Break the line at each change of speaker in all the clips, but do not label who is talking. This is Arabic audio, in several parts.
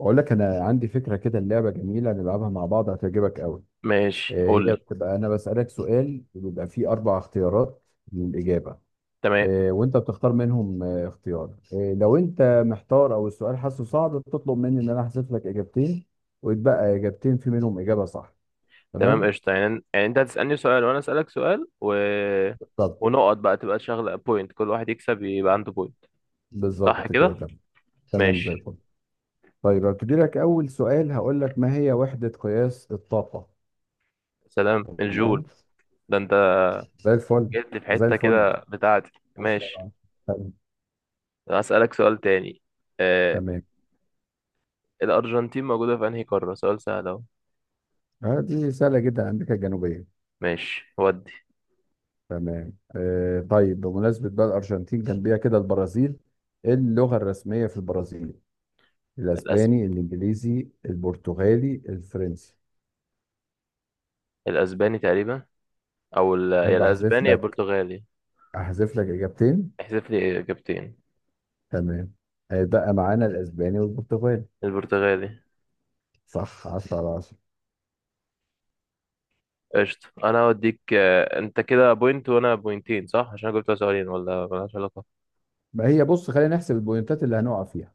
بقول لك انا عندي فكره كده، اللعبه جميله نلعبها مع بعض هتعجبك قوي.
ماشي، قول
هي
لي.
بتبقى انا بسالك سؤال وبيبقى فيه اربع اختيارات للاجابه.
تمام.
وانت بتختار منهم اختيار، لو انت محتار او السؤال حاسه صعب بتطلب مني ان انا احذف لك اجابتين ويتبقى اجابتين في منهم اجابه صح.
تمام
تمام.
قشطة، يعني انت هتسألني سؤال وانا اسألك سؤال
طب
ونقط بقى، تبقى شغلة بوينت، كل واحد يكسب يبقى عنده بوينت. صح
بالظبط كده،
كده؟
تمام. تمام، زي
ماشي.
الفل. طيب هبتدي لك اول سؤال: هقول لك ما هي وحده قياس الطاقه؟
سلام
تمام،
الجول. ده انت
زي الفل.
جيت لي في
زي
حتة
الفل،
كده بتاعتي.
عشرة
ماشي.
على عشرة. تمام.
هسألك سؤال تاني. آه...
تمام،
الأرجنتين موجودة في انهي قارة؟ سؤال سهل اهو.
دي سهلة جدا، أمريكا الجنوبية.
ماشي ودي.
تمام طيب، بمناسبة بقى الأرجنتين جنبيها كده البرازيل، إيه اللغة الرسمية في البرازيل؟
الأس...
الأسباني، الإنجليزي، البرتغالي، الفرنسي؟
الأسباني تقريبا. يا
أحب أحذف
الأسباني يا
لك
البرتغالي.
أحذف لك إجابتين.
احذف لي إجابتين.
تمام، بقى معانا الأسباني والبرتغالي.
البرتغالي.
صح، 10 على 10.
قشطة. أنا هوديك. أنت كده بوينت وأنا بوينتين، صح؟ عشان أنا جبت سؤالين، ولا ملهاش علاقة؟
ما هي، بص خلينا نحسب البوينتات اللي هنقع فيها.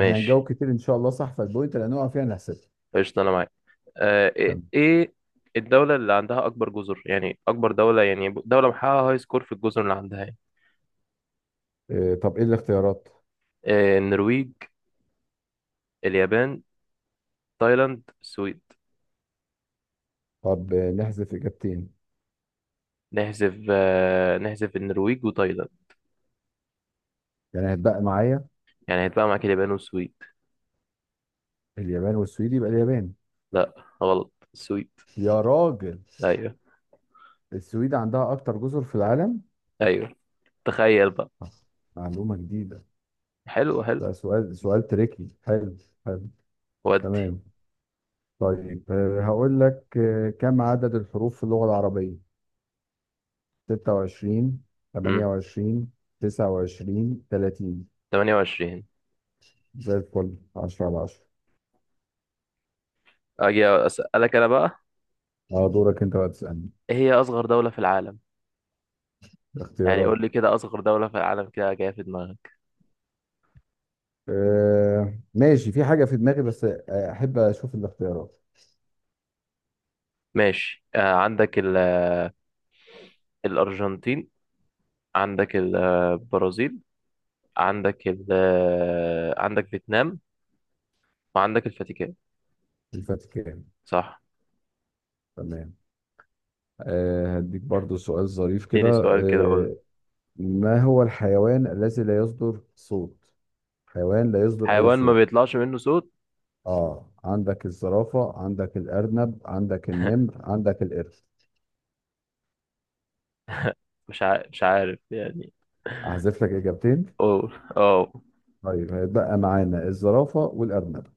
إحنا هنجاوب كتير إن شاء الله صح، فالبوينت اللي هنقع فيها هنحسبها.
قشطة أنا معاك. إيه
تمام
إيه الدولة اللي عندها أكبر جزر؟ يعني أكبر دولة، يعني دولة محققة هاي سكور في الجزر اللي عندها يعني.
طب، إيه الاختيارات؟
النرويج، اليابان، تايلاند، السويد.
طب، نحذف إجابتين.
نحذف، نحذف النرويج وتايلاند.
يعني هتبقى معايا
يعني هيتبقى معاك اليابان والسويد.
اليابان والسويد، يبقى اليابان.
لا، غلط. السويد.
يا راجل،
أيوه
السويد عندها أكتر جزر في العالم.
أيوه. تخيل بقى.
آه، معلومة جديدة.
حلو حلو.
ده سؤال تريكي حلو. حلو.
ودي.
تمام، طيب هقول لك كم عدد الحروف في اللغة العربية؟ 26،
مم.
28، 29، 30؟
28.
زي الفل، 10 على 10.
أجي أسألك أنا بقى.
اه، دورك انت بقى تسألني.
ايه هي اصغر دولة في العالم؟ يعني
الاختيارات؟
قول لي كده، اصغر دولة في العالم كده جاية في دماغك.
ماشي، في حاجة في دماغي بس أحب أشوف الاختيارات.
ماشي. آه عندك الارجنتين، عندك البرازيل، عندك عندك فيتنام، وعندك الفاتيكان.
الفاتيكان.
صح.
تمام، هديك برضو سؤال ظريف كده.
اديني سؤال كده، قول.
آه، ما هو الحيوان الذي لا يصدر صوت؟ حيوان لا يصدر أي
حيوان ما
صوت.
بيطلعش منه صوت.
اه، عندك الزرافة، عندك الأرنب، عندك النمر، عندك القرش.
مش عارف، مش عارف يعني.
أحذف لك إجابتين.
اوه، اوه.
طيب هيتبقى معانا الزرافة والأرنب.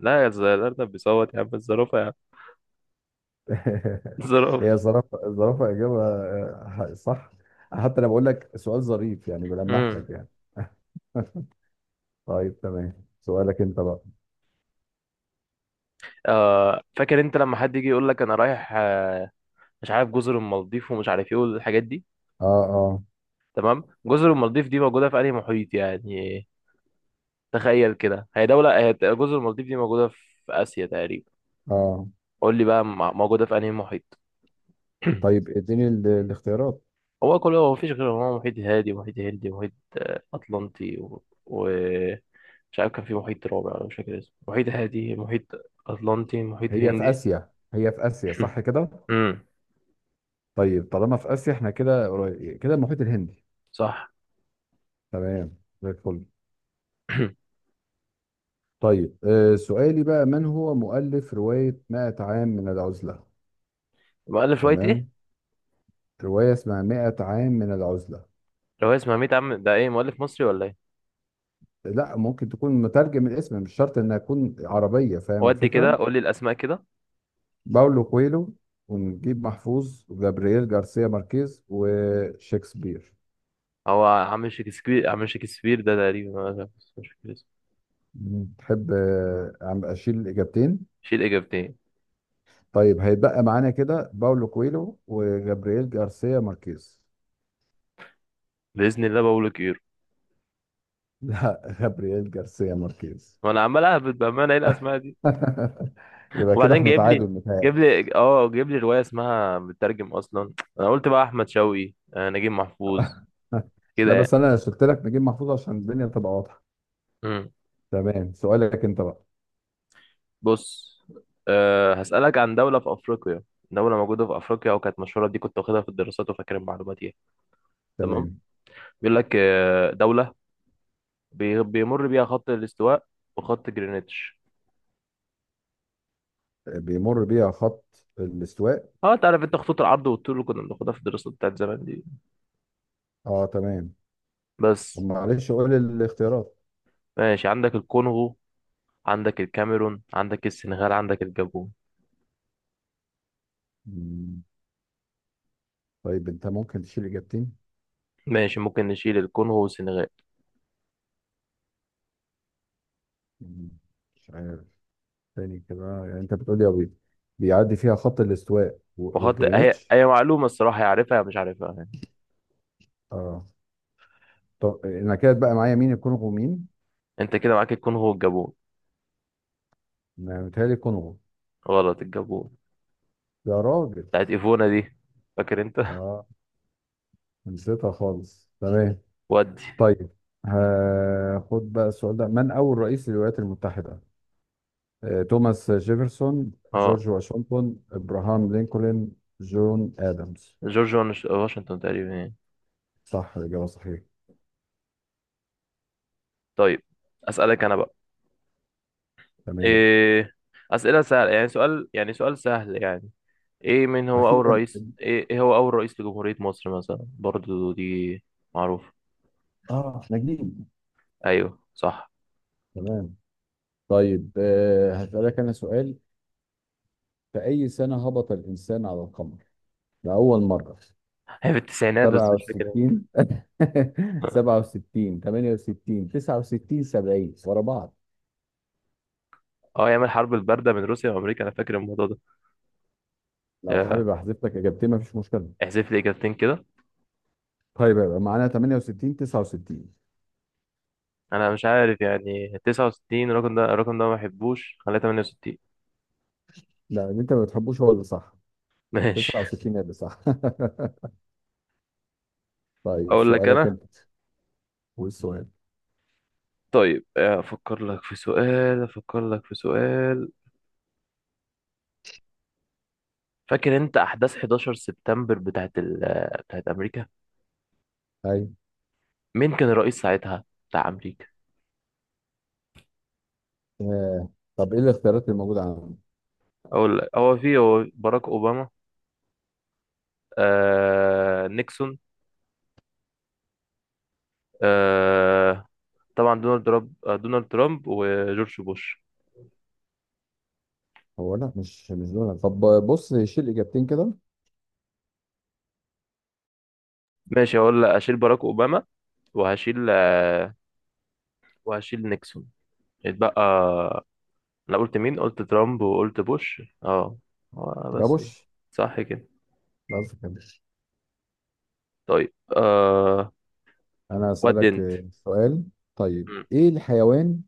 لا، يا الارنب بيصوت يا عم، الزرافة يا عم. الزرافة.
هي زرافة، الزرافة إجابة، صح. حتى أنا بقول لك سؤال ظريف يعني، بلمح
امم.
لك يعني. طيب، تمام، سؤالك أنت بقى.
آه، فاكر انت لما حد يجي يقول لك انا رايح، آه، مش عارف، جزر المالديف ومش عارف ايه والحاجات دي.
اه، اه.
تمام، جزر المالديف دي موجودة في أنهي محيط يعني. تخيل كده، هي دولة، هي جزر المالديف دي موجودة في آسيا تقريبا.
اه.
قول لي بقى، موجودة في أنهي محيط.
طيب اديني الاختيارات.
هو كله، هو مفيش غير هو، محيط هادي ومحيط هندي ومحيط أطلنطي مش عارف كان في محيط رابع أنا مش فاكر اسمه. محيط هادي، محيط أطلنطي، محيط
هي في
هندي.
آسيا هي في آسيا صح كده.
امم.
طيب طالما في آسيا احنا كده قريب كده، المحيط الهندي.
صح.
تمام، زي الفل. طيب سؤالي بقى: من هو مؤلف رواية 100 عام من العزلة؟
مؤلف رواية ايه؟
تمام، رواية اسمها 100 عام من العزلة.
رواية اسمها 100 عام، ده ايه، مؤلف مصري ولا ايه؟
لا، ممكن تكون مترجم، الاسم مش شرط انها تكون عربية، فاهم
ودي كده،
الفكرة.
قول لي الأسماء كده.
باولو كويلو، ونجيب محفوظ، وجابرييل جارسيا ماركيز، وشكسبير.
هو عم شكسبير، عم شكسبير ده تقريبا. أنا مش فاكر اسمه.
مم. تحب أشيل الإجابتين؟
شيل إجابتين.
طيب هيتبقى معانا كده باولو كويلو وجابرييل جارسيا ماركيز.
بإذن الله بقول لك إيرو.
لا جابرييل جارسيا ماركيز.
وأنا عمال أهبط بأمانة، إيه الأسماء دي؟
يبقى كده
وبعدين
احنا
جايب لي،
تعادل،
جايب
متهيألي.
لي أه جايب لي رواية اسمها مترجم أصلا. أنا قلت بقى أحمد شوقي، نجيب محفوظ. كده
لا، بس
يعني.
انا قلت لك نجيب محفوظ عشان الدنيا تبقى واضحه.
مم.
تمام، سؤالك انت بقى.
بص. أه، هسألك عن دولة في أفريقيا. دولة موجودة في أفريقيا وكانت مشهورة، دي كنت واخدها في الدراسات وفاكر المعلومات دي. تمام.
تمام.
بيقول لك، دولة بيمر بيها خط الاستواء وخط جرينتش.
بيمر بيها خط الاستواء.
اه، انت عارف انت خطوط العرض والطول اللي كنا بناخدها في الدراسات بتاعت زمان دي.
اه، تمام. طب
بس.
معلش، قول الاختيارات.
ماشي، عندك الكونغو، عندك الكاميرون، عندك السنغال، عندك الجابون.
مم. طيب انت ممكن تشيل اجابتين.
ماشي، ممكن نشيل الكونغو والسنغال.
مم. مش عارف. تاني كده، يعني انت بتقولي ابيض، بيعدي فيها خط الاستواء
وحط، هي
وجرينتش.
هي معلومة الصراحة، يعرفها يا مش عارفها يعني.
اه. طب نكدت بقى معايا، مين الكونغو مين؟
انت كده معاك الكونغو والجابون.
ما متهيألي الكونغو.
غلط، الجابون.
يا راجل.
بتاعت ايفونا دي، فاكر انت؟
اه، نسيتها خالص. تمام.
ودي.
طيب هاخد بقى السؤال ده: من اول رئيس للولايات المتحدة؟ توماس جيفرسون،
اه،
جورج واشنطن، ابراهام لينكولن، جون ادمز؟
جورج واشنطن تقريبا يعني.
صح، الاجابة صحيحة.
طيب، اسألك انا بقى.
تمام،
إيه أسئلة سهلة يعني، سؤال يعني، سؤال سهل يعني. ايه، من هو اول
اخيرا،
رئيس، إيه هو اول رئيس لجمهورية مصر مثلا؟ برضو دي معروفة.
اه نجيب،
ايوه صح.
تمام. طيب هسألك أنا سؤال: في أي سنة هبط الإنسان على القمر لأول مرة؟
هي في التسعينات بس مش فاكر امتى.
67، 67، 68، 69، 70 ورا بعض.
اه، ايام الحرب الباردة بين روسيا وامريكا، انا فاكر الموضوع ده.
لو
آه،
حابب أحذف لك إجابتين مفيش مشكلة.
احذف لي اجابتين كده.
طيب يبقى معانا 68، 69.
انا مش عارف يعني، 69 الرقم ده، الرقم ده ما بحبوش، خليها 68.
لا، اللي أنت ما بتحبوش هو اللي صح.
ماشي.
69 اللي صح. طيب
اقول لك
سؤالك
انا.
أنت. والسؤال.
طيب، افكر لك في سؤال. فاكر انت احداث 11 سبتمبر بتاعت امريكا؟
طيب
مين كان الرئيس ساعتها بتاع امريكا؟
آه. طب إيه الاختيارات اللي موجودة عندك؟
اقول لك، هو في باراك اوباما، آه نيكسون، آه طبعا دونالد ترامب، دونالد ترامب وجورج بوش.
هو لا، مش دول، طب. بص، شيل إجابتين كده.
ماشي، هقول لك اشيل باراك اوباما، وهشيل وهشيل نيكسون. اتبقى، انا قلت مين؟ قلت ترامب وقلت بوش. اه.
يبقى
بس ايه.
بوش.
صح كده.
لا قصدك كده.
طيب آه.
أنا
ودي
أسألك
انت.
سؤال. طيب
مم.
إيه الحيوان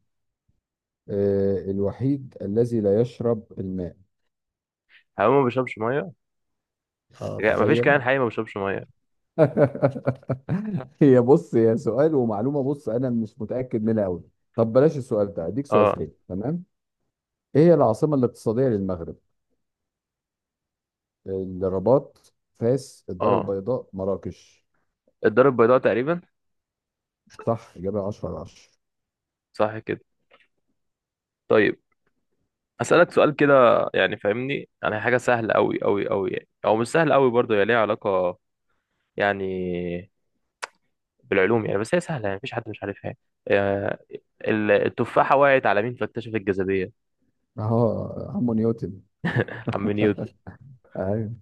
الوحيد الذي لا يشرب الماء؟
حيوان ما بيشربش ميه. لا، مفيش كائن
تخيل.
حي ما بيشربش ميه.
هي بص، هي سؤال ومعلومة، بص أنا مش متأكد منها أوي. طب بلاش السؤال ده، أديك سؤال
اه
تاني، تمام. إيه هي العاصمة الاقتصادية للمغرب؟ الرباط، فاس، الدار
اه.
البيضاء، مراكش؟
الدار البيضاء تقريبا.
صح، إجابة 10 على 10.
صح كده. طيب اسالك سؤال كده. يعني فاهمني، يعني حاجه سهله قوي قوي قوي يعني، او مش سهله قوي برضه، هي ليها علاقه يعني بالعلوم يعني، بس هي سهله يعني، مفيش حد مش عارفها يعني. آه، التفاحه وقعت على مين فاكتشف الجاذبيه؟
أه، عمو نيوتن.
عم نيوتن.
أيوه،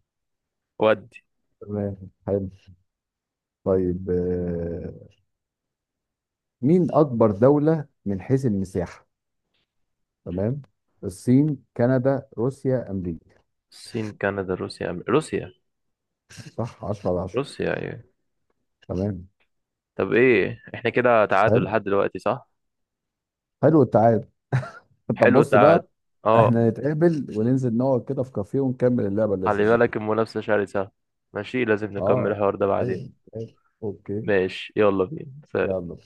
ودي.
تمام، حلو. طيب مين أكبر دولة من حيث المساحة؟ تمام، الصين، كندا، روسيا، امريكا؟
الصين، كندا، روسيا، روسيا.
صح، 10 على 10.
روسيا ايوه.
تمام،
طب ايه، احنا كده تعادل
حلو.
لحد دلوقتي، صح؟
حلو التعادل. طب
حلو
بص
التعادل.
بقى،
اه.
احنا نتقابل وننزل نقعد كده في كافيه ونكمل اللعبه
خلي
اللذيذه
بالك،
دي.
المنافسه شرسه. ماشي، لازم نكمل
اه،
الحوار ده بعدين.
ايوه، أيوة. اوكي،
ماشي، يلا بينا، سلام.
يلا.